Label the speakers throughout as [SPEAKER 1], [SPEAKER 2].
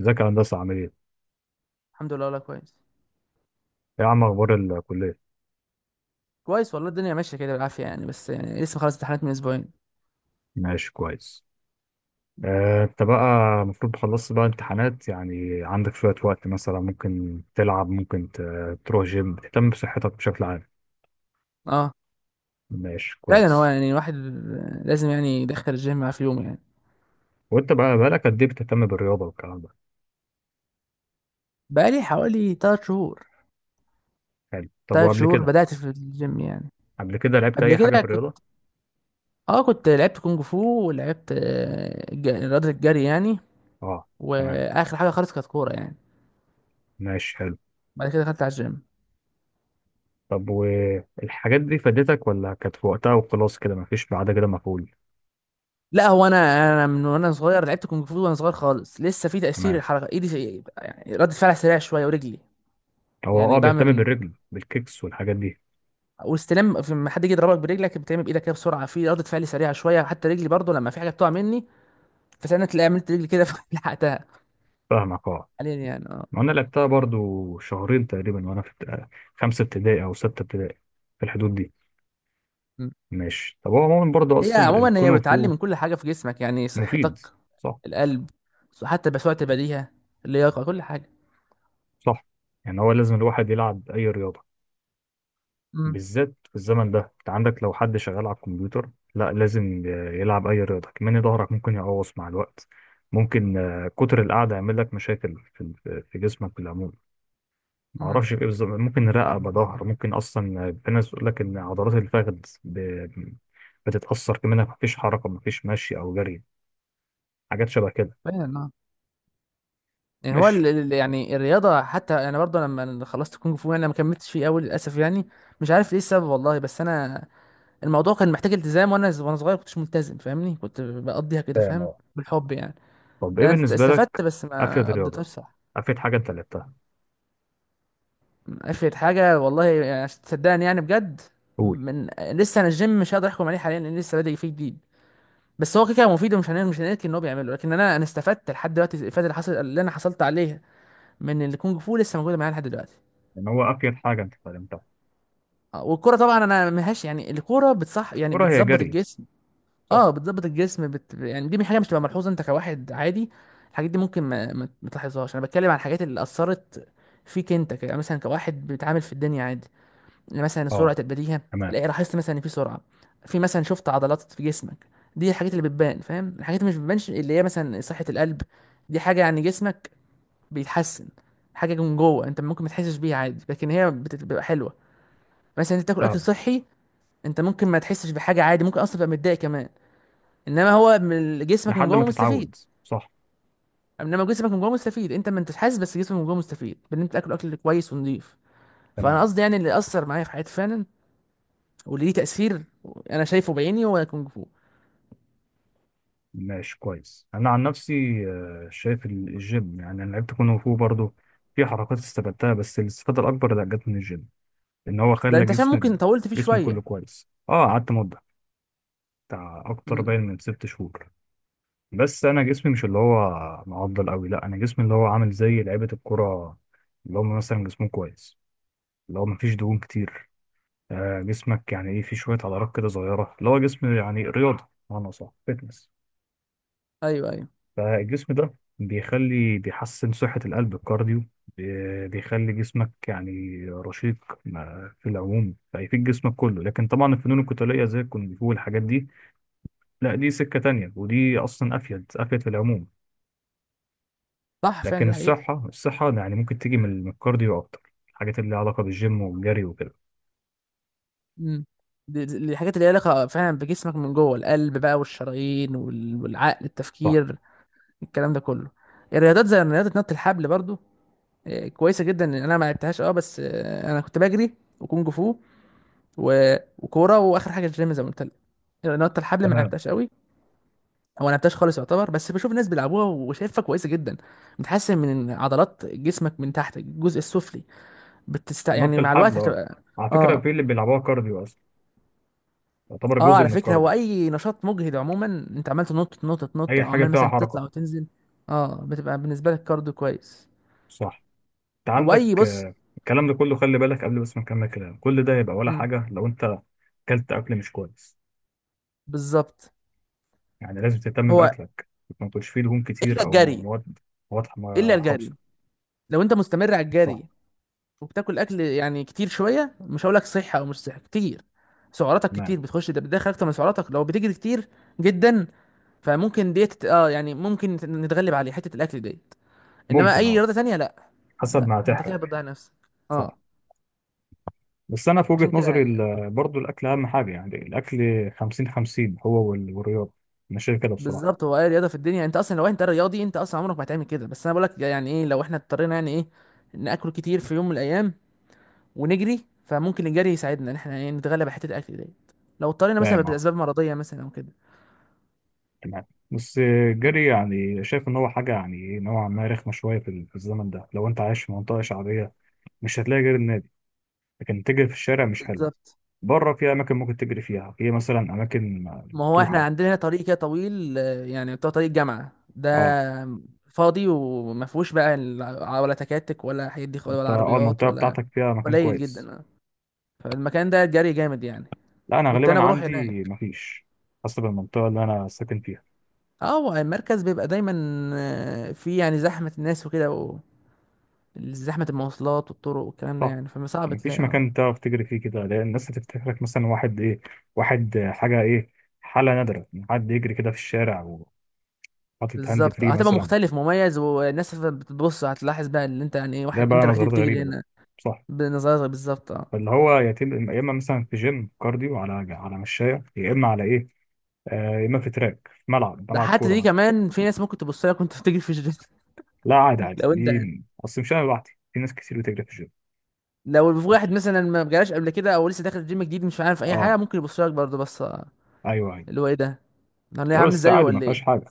[SPEAKER 1] ازيك يا هندسة؟ عامل ايه؟ ايه
[SPEAKER 2] الحمد لله والله كويس.
[SPEAKER 1] يا عم، اخبار الكلية؟
[SPEAKER 2] كويس والله، الدنيا ماشيه كده بالعافيه يعني، بس يعني لسه خلاص امتحانات من اسبوعين.
[SPEAKER 1] ماشي كويس. انت بقى المفروض خلصت بقى امتحانات، يعني عندك شوية وقت، مثلا ممكن تلعب، ممكن تروح جيم، بتهتم بصحتك بشكل عام.
[SPEAKER 2] اه،
[SPEAKER 1] ماشي
[SPEAKER 2] فعلا، هو
[SPEAKER 1] كويس.
[SPEAKER 2] يعني الواحد لازم يعني يدخل الجيم معاه في يومه يعني.
[SPEAKER 1] وانت بقى بقالك قد ايه بتهتم بالرياضة والكلام ده؟
[SPEAKER 2] بقالي حوالي 3 شهور.
[SPEAKER 1] حلو، طب
[SPEAKER 2] 3
[SPEAKER 1] وقبل
[SPEAKER 2] شهور
[SPEAKER 1] كده
[SPEAKER 2] بدأت في الجيم يعني.
[SPEAKER 1] قبل كده لعبت
[SPEAKER 2] قبل
[SPEAKER 1] أي
[SPEAKER 2] كده
[SPEAKER 1] حاجة في
[SPEAKER 2] كنت
[SPEAKER 1] الرياضة؟
[SPEAKER 2] اه كنت لعبت كونج فو، ولعبت رياضة الجري يعني.
[SPEAKER 1] اه، تمام.
[SPEAKER 2] واخر حاجة خالص كانت كورة يعني.
[SPEAKER 1] ماشي حلو.
[SPEAKER 2] بعد كده دخلت على الجيم.
[SPEAKER 1] طب والحاجات دي فادتك، ولا كانت في وقتها وخلاص كده مفيش بعد كده مفعول؟
[SPEAKER 2] لا، هو انا، من وانا صغير لعبت كونج فو، وانا صغير خالص لسه في تأثير
[SPEAKER 1] تمام.
[SPEAKER 2] الحركة، ايدي يعني ردة فعل سريع شوية، ورجلي
[SPEAKER 1] هو
[SPEAKER 2] يعني
[SPEAKER 1] بيهتم
[SPEAKER 2] بعمل
[SPEAKER 1] بالرجل، بالكيكس والحاجات دي.
[SPEAKER 2] واستلام لما حد يجي يضربك برجلك بتعمل بايدك كده بسرعه، في ردة فعل سريعه شويه. حتى رجلي برضو لما في حاجه بتقع مني، فساعتها تلاقي عملت رجلي كده فلحقتها
[SPEAKER 1] فاهمك اه.
[SPEAKER 2] حاليا يعني. اه.
[SPEAKER 1] وانا لعبتها برضو شهرين تقريبا، وانا في 5 ابتدائي او 6 ابتدائي، في الحدود دي.
[SPEAKER 2] م.
[SPEAKER 1] ماشي. طب هو عموما برضو
[SPEAKER 2] هي
[SPEAKER 1] اصلا
[SPEAKER 2] عموما هي
[SPEAKER 1] الكونغ
[SPEAKER 2] بتعلي
[SPEAKER 1] فو
[SPEAKER 2] من كل حاجه في جسمك، يعني
[SPEAKER 1] مفيد.
[SPEAKER 2] صحتك،
[SPEAKER 1] صح.
[SPEAKER 2] القلب، حتى بسرعه البديهه، اللياقه، كل حاجه.
[SPEAKER 1] صح، يعني هو لازم الواحد يلعب اي رياضه،
[SPEAKER 2] امم.
[SPEAKER 1] بالذات في الزمن ده. انت عندك لو حد شغال على الكمبيوتر، لا لازم يلعب اي رياضه كمان. ظهرك ممكن يقوص مع الوقت. ممكن كتر القعده يعمل لك مشاكل في جسمك بالعموم. ما
[SPEAKER 2] امم.
[SPEAKER 1] اعرفش ايه بالظبط، ممكن رقبه، ظهر، ممكن اصلا في ناس بتقول لك ان عضلات الفخذ ب- بتتاثر كمان، ما فيش حركه، ما فيش مشي او جري، حاجات شبه كده.
[SPEAKER 2] فعلا اه. يعني هو
[SPEAKER 1] ماشي،
[SPEAKER 2] يعني الرياضه، حتى انا برضو لما خلصت كونج فو انا ما كملتش فيه قوي للاسف يعني. مش عارف ايه السبب والله، بس انا الموضوع كان محتاج التزام، وانا صغير كنتش ملتزم، فاهمني؟ كنت بقضيها كده،
[SPEAKER 1] فاهم
[SPEAKER 2] فاهم،
[SPEAKER 1] اه.
[SPEAKER 2] بالحب يعني.
[SPEAKER 1] طب ايه
[SPEAKER 2] انا
[SPEAKER 1] بالنسبه
[SPEAKER 2] استفدت
[SPEAKER 1] لك،
[SPEAKER 2] بس
[SPEAKER 1] افيد
[SPEAKER 2] ما قضيتهاش
[SPEAKER 1] رياضه
[SPEAKER 2] صح.
[SPEAKER 1] افيد حاجه انت لعبتها؟
[SPEAKER 2] افرض حاجه والله، يعني عشان تصدقني يعني بجد.
[SPEAKER 1] قول.
[SPEAKER 2] من لسه انا الجيم مش هقدر احكم عليه حاليا، لان لسه بادئ فيه جديد. بس هو كده كده مفيد، ومش هننكر مش هننكر ان هو بيعمله. لكن انا استفدت لحد دلوقتي. الافاده اللي حصل اللي انا حصلت عليها من الكونج فو لسه موجوده معايا لحد دلوقتي.
[SPEAKER 1] يعني هو افيد حاجه انت اتعلمتها.
[SPEAKER 2] والكرة طبعا انا ملهاش يعني، الكرة بتصح يعني
[SPEAKER 1] كرة هي
[SPEAKER 2] بتظبط
[SPEAKER 1] جري،
[SPEAKER 2] الجسم.
[SPEAKER 1] صح.
[SPEAKER 2] اه بتظبط الجسم يعني دي حاجه مش تبقى ملحوظه، انت كواحد عادي الحاجات دي ممكن ما تلاحظهاش. انا بتكلم عن الحاجات اللي اثرت فيك انت مثلا كواحد بيتعامل في الدنيا عادي. مثلا
[SPEAKER 1] اه،
[SPEAKER 2] سرعه البديهه،
[SPEAKER 1] تمام.
[SPEAKER 2] الاقي لاحظت مثلا ان في سرعه، في مثلا شفت عضلات في جسمك. دي الحاجات اللي بتبان فاهم، الحاجات اللي مش بتبانش اللي هي مثلا صحه القلب، دي حاجه يعني جسمك بيتحسن، حاجه من جوه انت ممكن ما تحسش بيها عادي، لكن هي بتبقى حلوه. مثلا انت تاكل اكل
[SPEAKER 1] فاهم،
[SPEAKER 2] صحي، انت ممكن ما تحسش بحاجه عادي، ممكن اصلا تبقى متضايق كمان، انما هو من جسمك من
[SPEAKER 1] لحد ما
[SPEAKER 2] جوه مستفيد.
[SPEAKER 1] تتعود. صح،
[SPEAKER 2] انما جسمك من جوه مستفيد، انت ما انتش حاسس، بس جسمك من جوه مستفيد بان انت تاكل اكل كويس ونضيف. فانا
[SPEAKER 1] تمام.
[SPEAKER 2] قصدي يعني اللي اثر معايا في حياتي فعلا واللي ليه تأثير، انا شايفه بعيني، هو كونج فو.
[SPEAKER 1] ماشي كويس. انا عن نفسي شايف الجيم، يعني انا لعبت كونغ فو برضه، في حركات استفدتها، بس الاستفاده الاكبر اللي جت من الجيم ان هو
[SPEAKER 2] ده
[SPEAKER 1] خلى
[SPEAKER 2] انت عشان ممكن طولت فيه
[SPEAKER 1] جسمه كله
[SPEAKER 2] شوية.
[SPEAKER 1] كويس. اه قعدت مده بتاع اكتر
[SPEAKER 2] امم.
[SPEAKER 1] باين من 6 شهور. بس انا جسمي مش اللي هو معضل قوي، لا انا جسمي اللي هو عامل زي لعيبه الكره، اللي هم مثلا جسمهم كويس، اللي هو مفيش دهون كتير. جسمك يعني ايه، في شويه عضلات كده صغيره، اللي هو جسم يعني رياضه، معنى صح فتنس.
[SPEAKER 2] ايوه ايوه.
[SPEAKER 1] فالجسم ده بيحسن صحة القلب، الكارديو، بيخلي جسمك يعني رشيق. في العموم فيفيد جسمك كله، لكن طبعا الفنون القتالية زي الكونغ فو والحاجات دي، لا دي سكة تانية، ودي أصلا أفيد أفيد في العموم.
[SPEAKER 2] صح فعلا
[SPEAKER 1] لكن
[SPEAKER 2] ده حقيقي.
[SPEAKER 1] الصحة، الصحة يعني ممكن تيجي من الكارديو أكتر، الحاجات اللي لها علاقة بالجيم والجري وكده.
[SPEAKER 2] امم. الحاجات اللي ليها علاقة فعلا بجسمك من جوه، القلب بقى والشرايين والعقل،
[SPEAKER 1] صح،
[SPEAKER 2] التفكير، الكلام ده كله. الرياضات زي رياضة نط الحبل برضو، كويسة جدا. انا ما لعبتهاش اه، بس انا كنت بجري وكونج فو وكورة، واخر حاجة الجيم زي ما قلت لك. نط الحبل ما
[SPEAKER 1] تمام.
[SPEAKER 2] لعبتهاش قوي، هو ما لعبتهاش خالص يعتبر، بس بشوف الناس بيلعبوها وشايفها كويسه جدا، بتحسن من عضلات جسمك من تحت، الجزء السفلي،
[SPEAKER 1] نط
[SPEAKER 2] يعني مع الوقت
[SPEAKER 1] الحبل، اه
[SPEAKER 2] هتبقى.
[SPEAKER 1] على فكرة
[SPEAKER 2] اه.
[SPEAKER 1] في اللي بيلعبوها كارديو أصلا، يعتبر
[SPEAKER 2] اه
[SPEAKER 1] جزء
[SPEAKER 2] على
[SPEAKER 1] من
[SPEAKER 2] فكره، هو
[SPEAKER 1] الكارديو.
[SPEAKER 2] اي نشاط مجهد عموما، انت عمال تنط تنط تنط،
[SPEAKER 1] أي
[SPEAKER 2] او
[SPEAKER 1] حاجة
[SPEAKER 2] عمال
[SPEAKER 1] فيها
[SPEAKER 2] مثلا تطلع
[SPEAKER 1] حركة.
[SPEAKER 2] وتنزل، اه بتبقى بالنسبه لك كارديو كويس.
[SPEAKER 1] صح. انت
[SPEAKER 2] هو اي
[SPEAKER 1] عندك
[SPEAKER 2] بص.
[SPEAKER 1] الكلام ده كله خلي بالك، قبل بس ما نكمل كلام، كل ده يبقى ولا
[SPEAKER 2] امم.
[SPEAKER 1] حاجة لو انت اكلت اكل مش كويس.
[SPEAKER 2] بالظبط.
[SPEAKER 1] يعني لازم تهتم
[SPEAKER 2] هو،
[SPEAKER 1] باكلك، ما تكونش فيه دهون كتير،
[SPEAKER 2] الا
[SPEAKER 1] او
[SPEAKER 2] الجري
[SPEAKER 1] مواد
[SPEAKER 2] الا الجري
[SPEAKER 1] حافظة.
[SPEAKER 2] لو انت مستمر على
[SPEAKER 1] صح،
[SPEAKER 2] الجري وبتاكل اكل يعني كتير شويه، مش هقول لك صحي او مش صحي، كتير سعراتك
[SPEAKER 1] تمام.
[SPEAKER 2] كتير، بتخش ده بتدخل اكتر من سعراتك لو بتجري كتير جدا، فممكن ديت اه يعني ممكن نتغلب عليه حته الاكل ديت. انما
[SPEAKER 1] ممكن
[SPEAKER 2] اي
[SPEAKER 1] اه،
[SPEAKER 2] رياضه تانية لا،
[SPEAKER 1] حسب
[SPEAKER 2] لا
[SPEAKER 1] ما
[SPEAKER 2] انت كده
[SPEAKER 1] هتحرق.
[SPEAKER 2] بتضيع نفسك. اه،
[SPEAKER 1] صح. بس انا في وجهة
[SPEAKER 2] عشان كده
[SPEAKER 1] نظري،
[SPEAKER 2] يعني.
[SPEAKER 1] برضو الاكل اهم حاجة، يعني الاكل 50 50، هو والرياضة. انا شايف كده بصراحة.
[SPEAKER 2] بالظبط، هو اي رياضه في الدنيا انت اصلا، لو انت رياضي انت اصلا عمرك ما هتعمل كده، بس انا بقول لك يعني ايه، لو احنا اضطرينا يعني ايه ناكل كتير في يوم من الايام ونجري، فممكن الجري يساعدنا ان احنا إيه نتغلب على حته الاكل ديت، لو اضطرينا مثلا
[SPEAKER 1] فاهم اه،
[SPEAKER 2] باسباب مرضيه مثلا او كده.
[SPEAKER 1] تمام. بس
[SPEAKER 2] مم.
[SPEAKER 1] الجري يعني شايف ان هو حاجة يعني نوعا ما رخمة شوية في في الزمن ده، لو انت عايش في منطقة شعبية مش هتلاقي غير النادي، لكن تجري في الشارع مش حلوة.
[SPEAKER 2] بالظبط.
[SPEAKER 1] بره في أماكن ممكن تجري فيها، في مثلا أماكن
[SPEAKER 2] ما هو احنا
[SPEAKER 1] مفتوحة.
[SPEAKER 2] عندنا هنا طريق كده طويل، يعني بتاع طريق جامعة ده،
[SPEAKER 1] اه.
[SPEAKER 2] فاضي وما فيهوش بقى ولا تكاتك ولا الحاجات دي خالص،
[SPEAKER 1] انت
[SPEAKER 2] ولا عربيات
[SPEAKER 1] المنطقة
[SPEAKER 2] ولا،
[SPEAKER 1] بتاعتك فيها مكان
[SPEAKER 2] قليل
[SPEAKER 1] كويس؟
[SPEAKER 2] جدا فالمكان ده جري جامد يعني،
[SPEAKER 1] لا أنا
[SPEAKER 2] كنت انا
[SPEAKER 1] غالبا
[SPEAKER 2] بروح
[SPEAKER 1] عندي
[SPEAKER 2] هناك.
[SPEAKER 1] مفيش، حسب المنطقة اللي أنا ساكن فيها.
[SPEAKER 2] اه، هو المركز بيبقى دايما في يعني زحمة الناس وكده، وزحمة المواصلات والطرق والكلام ده
[SPEAKER 1] صح.
[SPEAKER 2] يعني، فصعب
[SPEAKER 1] مفيش
[SPEAKER 2] تلاقي اه.
[SPEAKER 1] مكان تعرف تجري فيه كده، لأن الناس هتفتكرك مثلا واحد إيه، واحد حاجة إيه، حالة نادرة إن حد يجري كده في الشارع وحاطط هاند
[SPEAKER 2] بالظبط،
[SPEAKER 1] فري
[SPEAKER 2] هتبقى
[SPEAKER 1] مثلا.
[SPEAKER 2] مختلف مميز، والناس بتبص هتلاحظ بقى ان انت يعني ايه
[SPEAKER 1] ده
[SPEAKER 2] واحد، انت
[SPEAKER 1] بقى
[SPEAKER 2] الوحيد اللي
[SPEAKER 1] نظرات
[SPEAKER 2] بتجري
[SPEAKER 1] غريبة بقى.
[SPEAKER 2] هنا،
[SPEAKER 1] صح.
[SPEAKER 2] بنظرك بالظبط اه.
[SPEAKER 1] فاللي هو يتم يا إما مثلا في جيم كارديو على مشاية، يا إما على إيه آه، يا اما في تراك، في ملعب
[SPEAKER 2] ده
[SPEAKER 1] ملعب
[SPEAKER 2] حتى
[SPEAKER 1] كوره
[SPEAKER 2] دي
[SPEAKER 1] مثلا.
[SPEAKER 2] كمان في ناس ممكن تبص لك وانت بتجري في الجيم.
[SPEAKER 1] لا عادي عادي،
[SPEAKER 2] لو انت،
[SPEAKER 1] دي اصل مش انا لوحدي، في ناس كتير بتجري في الجيم.
[SPEAKER 2] لو في واحد مثلا ما جالهاش قبل كده او لسه داخل الجيم جديد مش عارف اي
[SPEAKER 1] اه
[SPEAKER 2] حاجه ممكن يبص لك برضه، بس
[SPEAKER 1] ايوه ايوه.
[SPEAKER 2] اللي هو ايه ده، انا ليه
[SPEAKER 1] لا
[SPEAKER 2] عامل
[SPEAKER 1] بس
[SPEAKER 2] زيه
[SPEAKER 1] عادي ما
[SPEAKER 2] ولا
[SPEAKER 1] فيهاش
[SPEAKER 2] ايه؟
[SPEAKER 1] حاجه.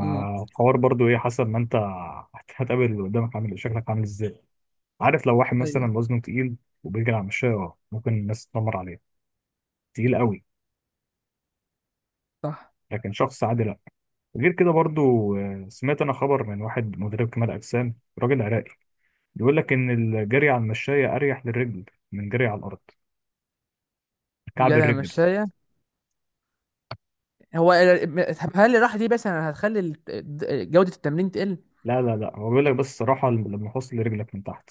[SPEAKER 2] امم.
[SPEAKER 1] برضو ايه حسب ما انت هتقابل اللي قدامك عامل إيه، شكلك عامل ازاي. عارف لو واحد
[SPEAKER 2] ايوه.
[SPEAKER 1] مثلا وزنه تقيل وبيجري على المشاية، اه ممكن الناس تتنمر عليه، تقيل قوي.
[SPEAKER 2] صح.
[SPEAKER 1] لكن شخص عادي لا. غير كده برضو سمعت انا خبر من واحد مدرب كمال اجسام، راجل عراقي، بيقول لك ان الجري على المشاية اريح للرجل من جري على الارض، كعب
[SPEAKER 2] جدع
[SPEAKER 1] الرجل.
[SPEAKER 2] مشاية. هو طب هل الراحه دي بس انا هتخلي جوده التمرين تقل؟
[SPEAKER 1] لا لا لا، هو بيقول لك بس الصراحة لما فصل رجلك من تحت.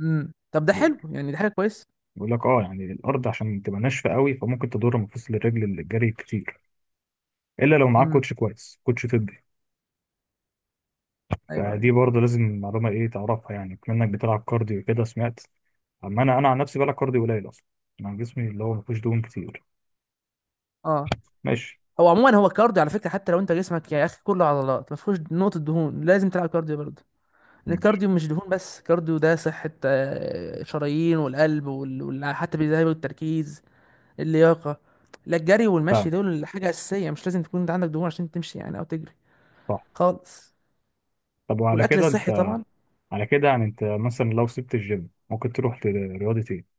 [SPEAKER 2] امم، طب ده حلو يعني، ده حاجه كويسه.
[SPEAKER 1] بيقول لك اه يعني الأرض عشان تبقى ناشفة قوي فممكن تضر مفاصل الرجل اللي الجري كتير، إلا لو معاك
[SPEAKER 2] امم.
[SPEAKER 1] كوتش كويس، كوتش طبي.
[SPEAKER 2] ايوه ايوه.
[SPEAKER 1] فدي برضه لازم معلومة إيه تعرفها، يعني كمنك بتلعب كارديو كده سمعت. أما أنا عن نفسي بلعب كارديو قليل أصلا، أنا جسمي اللي هو مفيهوش دهون كتير.
[SPEAKER 2] اه
[SPEAKER 1] ماشي.
[SPEAKER 2] هو عموما، هو الكارديو على فكره حتى لو انت جسمك يا اخي كله عضلات ما فيهوش نقطه دهون، لازم تلعب كارديو برضه، ان
[SPEAKER 1] ماشي.
[SPEAKER 2] الكارديو مش دهون بس، كارديو ده صحة، شرايين والقلب حتى بيذهب التركيز، اللياقة. لا، الجري والمشي دول حاجة أساسية، مش لازم تكون انت عندك دهون عشان تمشي يعني، أو تجري
[SPEAKER 1] صح.
[SPEAKER 2] خالص.
[SPEAKER 1] طب وعلى
[SPEAKER 2] والأكل
[SPEAKER 1] كده
[SPEAKER 2] الصحي
[SPEAKER 1] أنت
[SPEAKER 2] طبعا.
[SPEAKER 1] على كده يعني أنت مثلا لو سبت الجيم ممكن تروح لرياضة إيه؟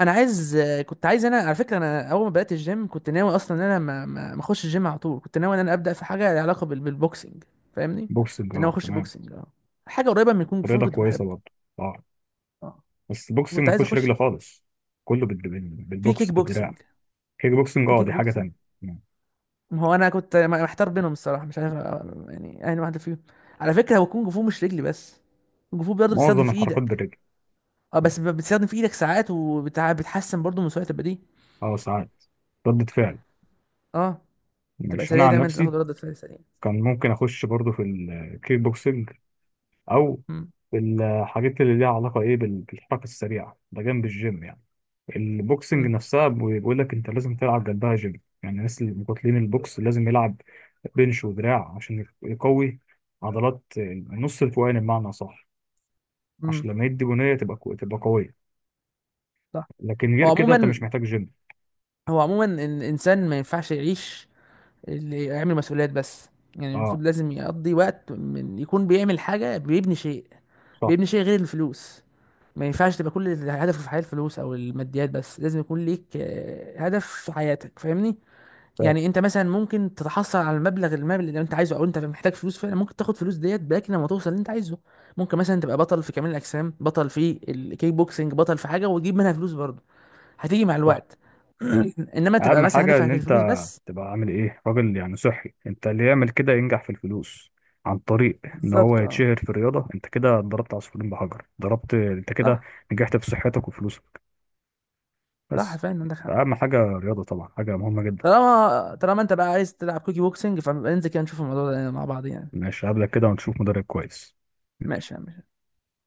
[SPEAKER 2] أنا عايز كنت عايز، أنا على فكرة أنا أول ما بدأت الجيم كنت ناوي أصلا إن أنا ما أخش الجيم على طول، كنت ناوي إن أنا أبدأ في حاجة لها علاقة بالبوكسنج، فاهمني؟
[SPEAKER 1] بوكسنج
[SPEAKER 2] كنت ناوي
[SPEAKER 1] أه،
[SPEAKER 2] أخش
[SPEAKER 1] تمام،
[SPEAKER 2] بوكسنج أه، حاجة قريبة من الكونج فو
[SPEAKER 1] رياضة
[SPEAKER 2] كنت
[SPEAKER 1] كويسة
[SPEAKER 2] بحبه.
[SPEAKER 1] برضه. اه.
[SPEAKER 2] اه.
[SPEAKER 1] بس البوكسنج
[SPEAKER 2] كنت
[SPEAKER 1] ما
[SPEAKER 2] عايز
[SPEAKER 1] فيهوش
[SPEAKER 2] أخش
[SPEAKER 1] رجل خالص، كله
[SPEAKER 2] في كيك
[SPEAKER 1] بالبوكس،
[SPEAKER 2] بوكسنج.
[SPEAKER 1] بالدراع. كيك بوكسنج،
[SPEAKER 2] في
[SPEAKER 1] اه
[SPEAKER 2] كيك
[SPEAKER 1] دي حاجه
[SPEAKER 2] بوكسنج،
[SPEAKER 1] تانية يعني،
[SPEAKER 2] ما هو انا كنت محتار بينهم الصراحه، مش عارف يعني اي واحده فيهم. على فكره، هو كونج فو مش رجلي بس، كونج فو برضه بتستخدم
[SPEAKER 1] معظم
[SPEAKER 2] في
[SPEAKER 1] الحركات
[SPEAKER 2] ايدك.
[SPEAKER 1] بالرجل.
[SPEAKER 2] اه بس بتستخدم في ايدك ساعات، وبتحسن برضه من سرعه البديهه.
[SPEAKER 1] اه ساعات، ردة فعل.
[SPEAKER 2] اه، تبقى
[SPEAKER 1] ماشي. انا
[SPEAKER 2] سريع
[SPEAKER 1] عن
[SPEAKER 2] دايما، انت
[SPEAKER 1] نفسي
[SPEAKER 2] تاخد ردة فعل سريع.
[SPEAKER 1] كان ممكن اخش برضو في الكيك بوكسنج، او
[SPEAKER 2] امم.
[SPEAKER 1] في الحاجات اللي ليها علاقه ايه بالحركه السريعه، ده جنب الجيم يعني. البوكسنج
[SPEAKER 2] امم.
[SPEAKER 1] نفسها بيقول لك انت لازم تلعب جنبها جيم، يعني الناس اللي مقاتلين البوكس لازم يلعب بنش ودراع عشان يقوي عضلات النص الفوقاني بمعنى صح،
[SPEAKER 2] امم.
[SPEAKER 1] عشان لما يدي بنيه تبقى تبقى قويه.
[SPEAKER 2] صح.
[SPEAKER 1] لكن
[SPEAKER 2] هو
[SPEAKER 1] غير كده انت
[SPEAKER 2] عموما،
[SPEAKER 1] مش محتاج جيم.
[SPEAKER 2] هو عموما الانسان ما ينفعش يعيش اللي يعمل مسؤوليات بس، يعني
[SPEAKER 1] اه،
[SPEAKER 2] المفروض لازم يقضي وقت من يكون بيعمل حاجه،
[SPEAKER 1] صح.
[SPEAKER 2] بيبني شيء غير الفلوس. ما ينفعش تبقى كل هدفه في الحياة الفلوس او الماديات بس، لازم يكون ليك هدف في حياتك، فاهمني؟
[SPEAKER 1] فاهم،
[SPEAKER 2] يعني انت مثلا ممكن تتحصل على المبلغ، المال اللي انت عايزه، او انت محتاج فلوس فعلا ممكن تاخد فلوس ديت باك لما توصل اللي انت عايزه. ممكن مثلا تبقى بطل في كمال الاجسام، بطل في الكيك بوكسنج، بطل في حاجة وتجيب منها فلوس برضه، هتيجي مع
[SPEAKER 1] صح.
[SPEAKER 2] الوقت. انما تبقى
[SPEAKER 1] اهم
[SPEAKER 2] مثلا
[SPEAKER 1] حاجه ان
[SPEAKER 2] هدفك
[SPEAKER 1] انت
[SPEAKER 2] الفلوس بس.
[SPEAKER 1] تبقى عامل ايه راجل يعني صحي، انت اللي يعمل كده ينجح في الفلوس عن طريق ان هو
[SPEAKER 2] بالظبط اه.
[SPEAKER 1] يتشهر في الرياضه. انت كده ضربت عصفورين بحجر، ضربت انت كده،
[SPEAKER 2] صح.
[SPEAKER 1] نجحت في صحتك وفلوسك
[SPEAKER 2] صح
[SPEAKER 1] بس.
[SPEAKER 2] فعلا عندك حق.
[SPEAKER 1] فاهم حاجه، الرياضه طبعا حاجه مهمه جدا.
[SPEAKER 2] طالما طالما انت بقى عايز تلعب كوكي بوكسنج، فننزل كده نشوف الموضوع ده مع بعض يعني.
[SPEAKER 1] ماشي، هقابلك كده ونشوف مدرب كويس.
[SPEAKER 2] ماشي يا عم.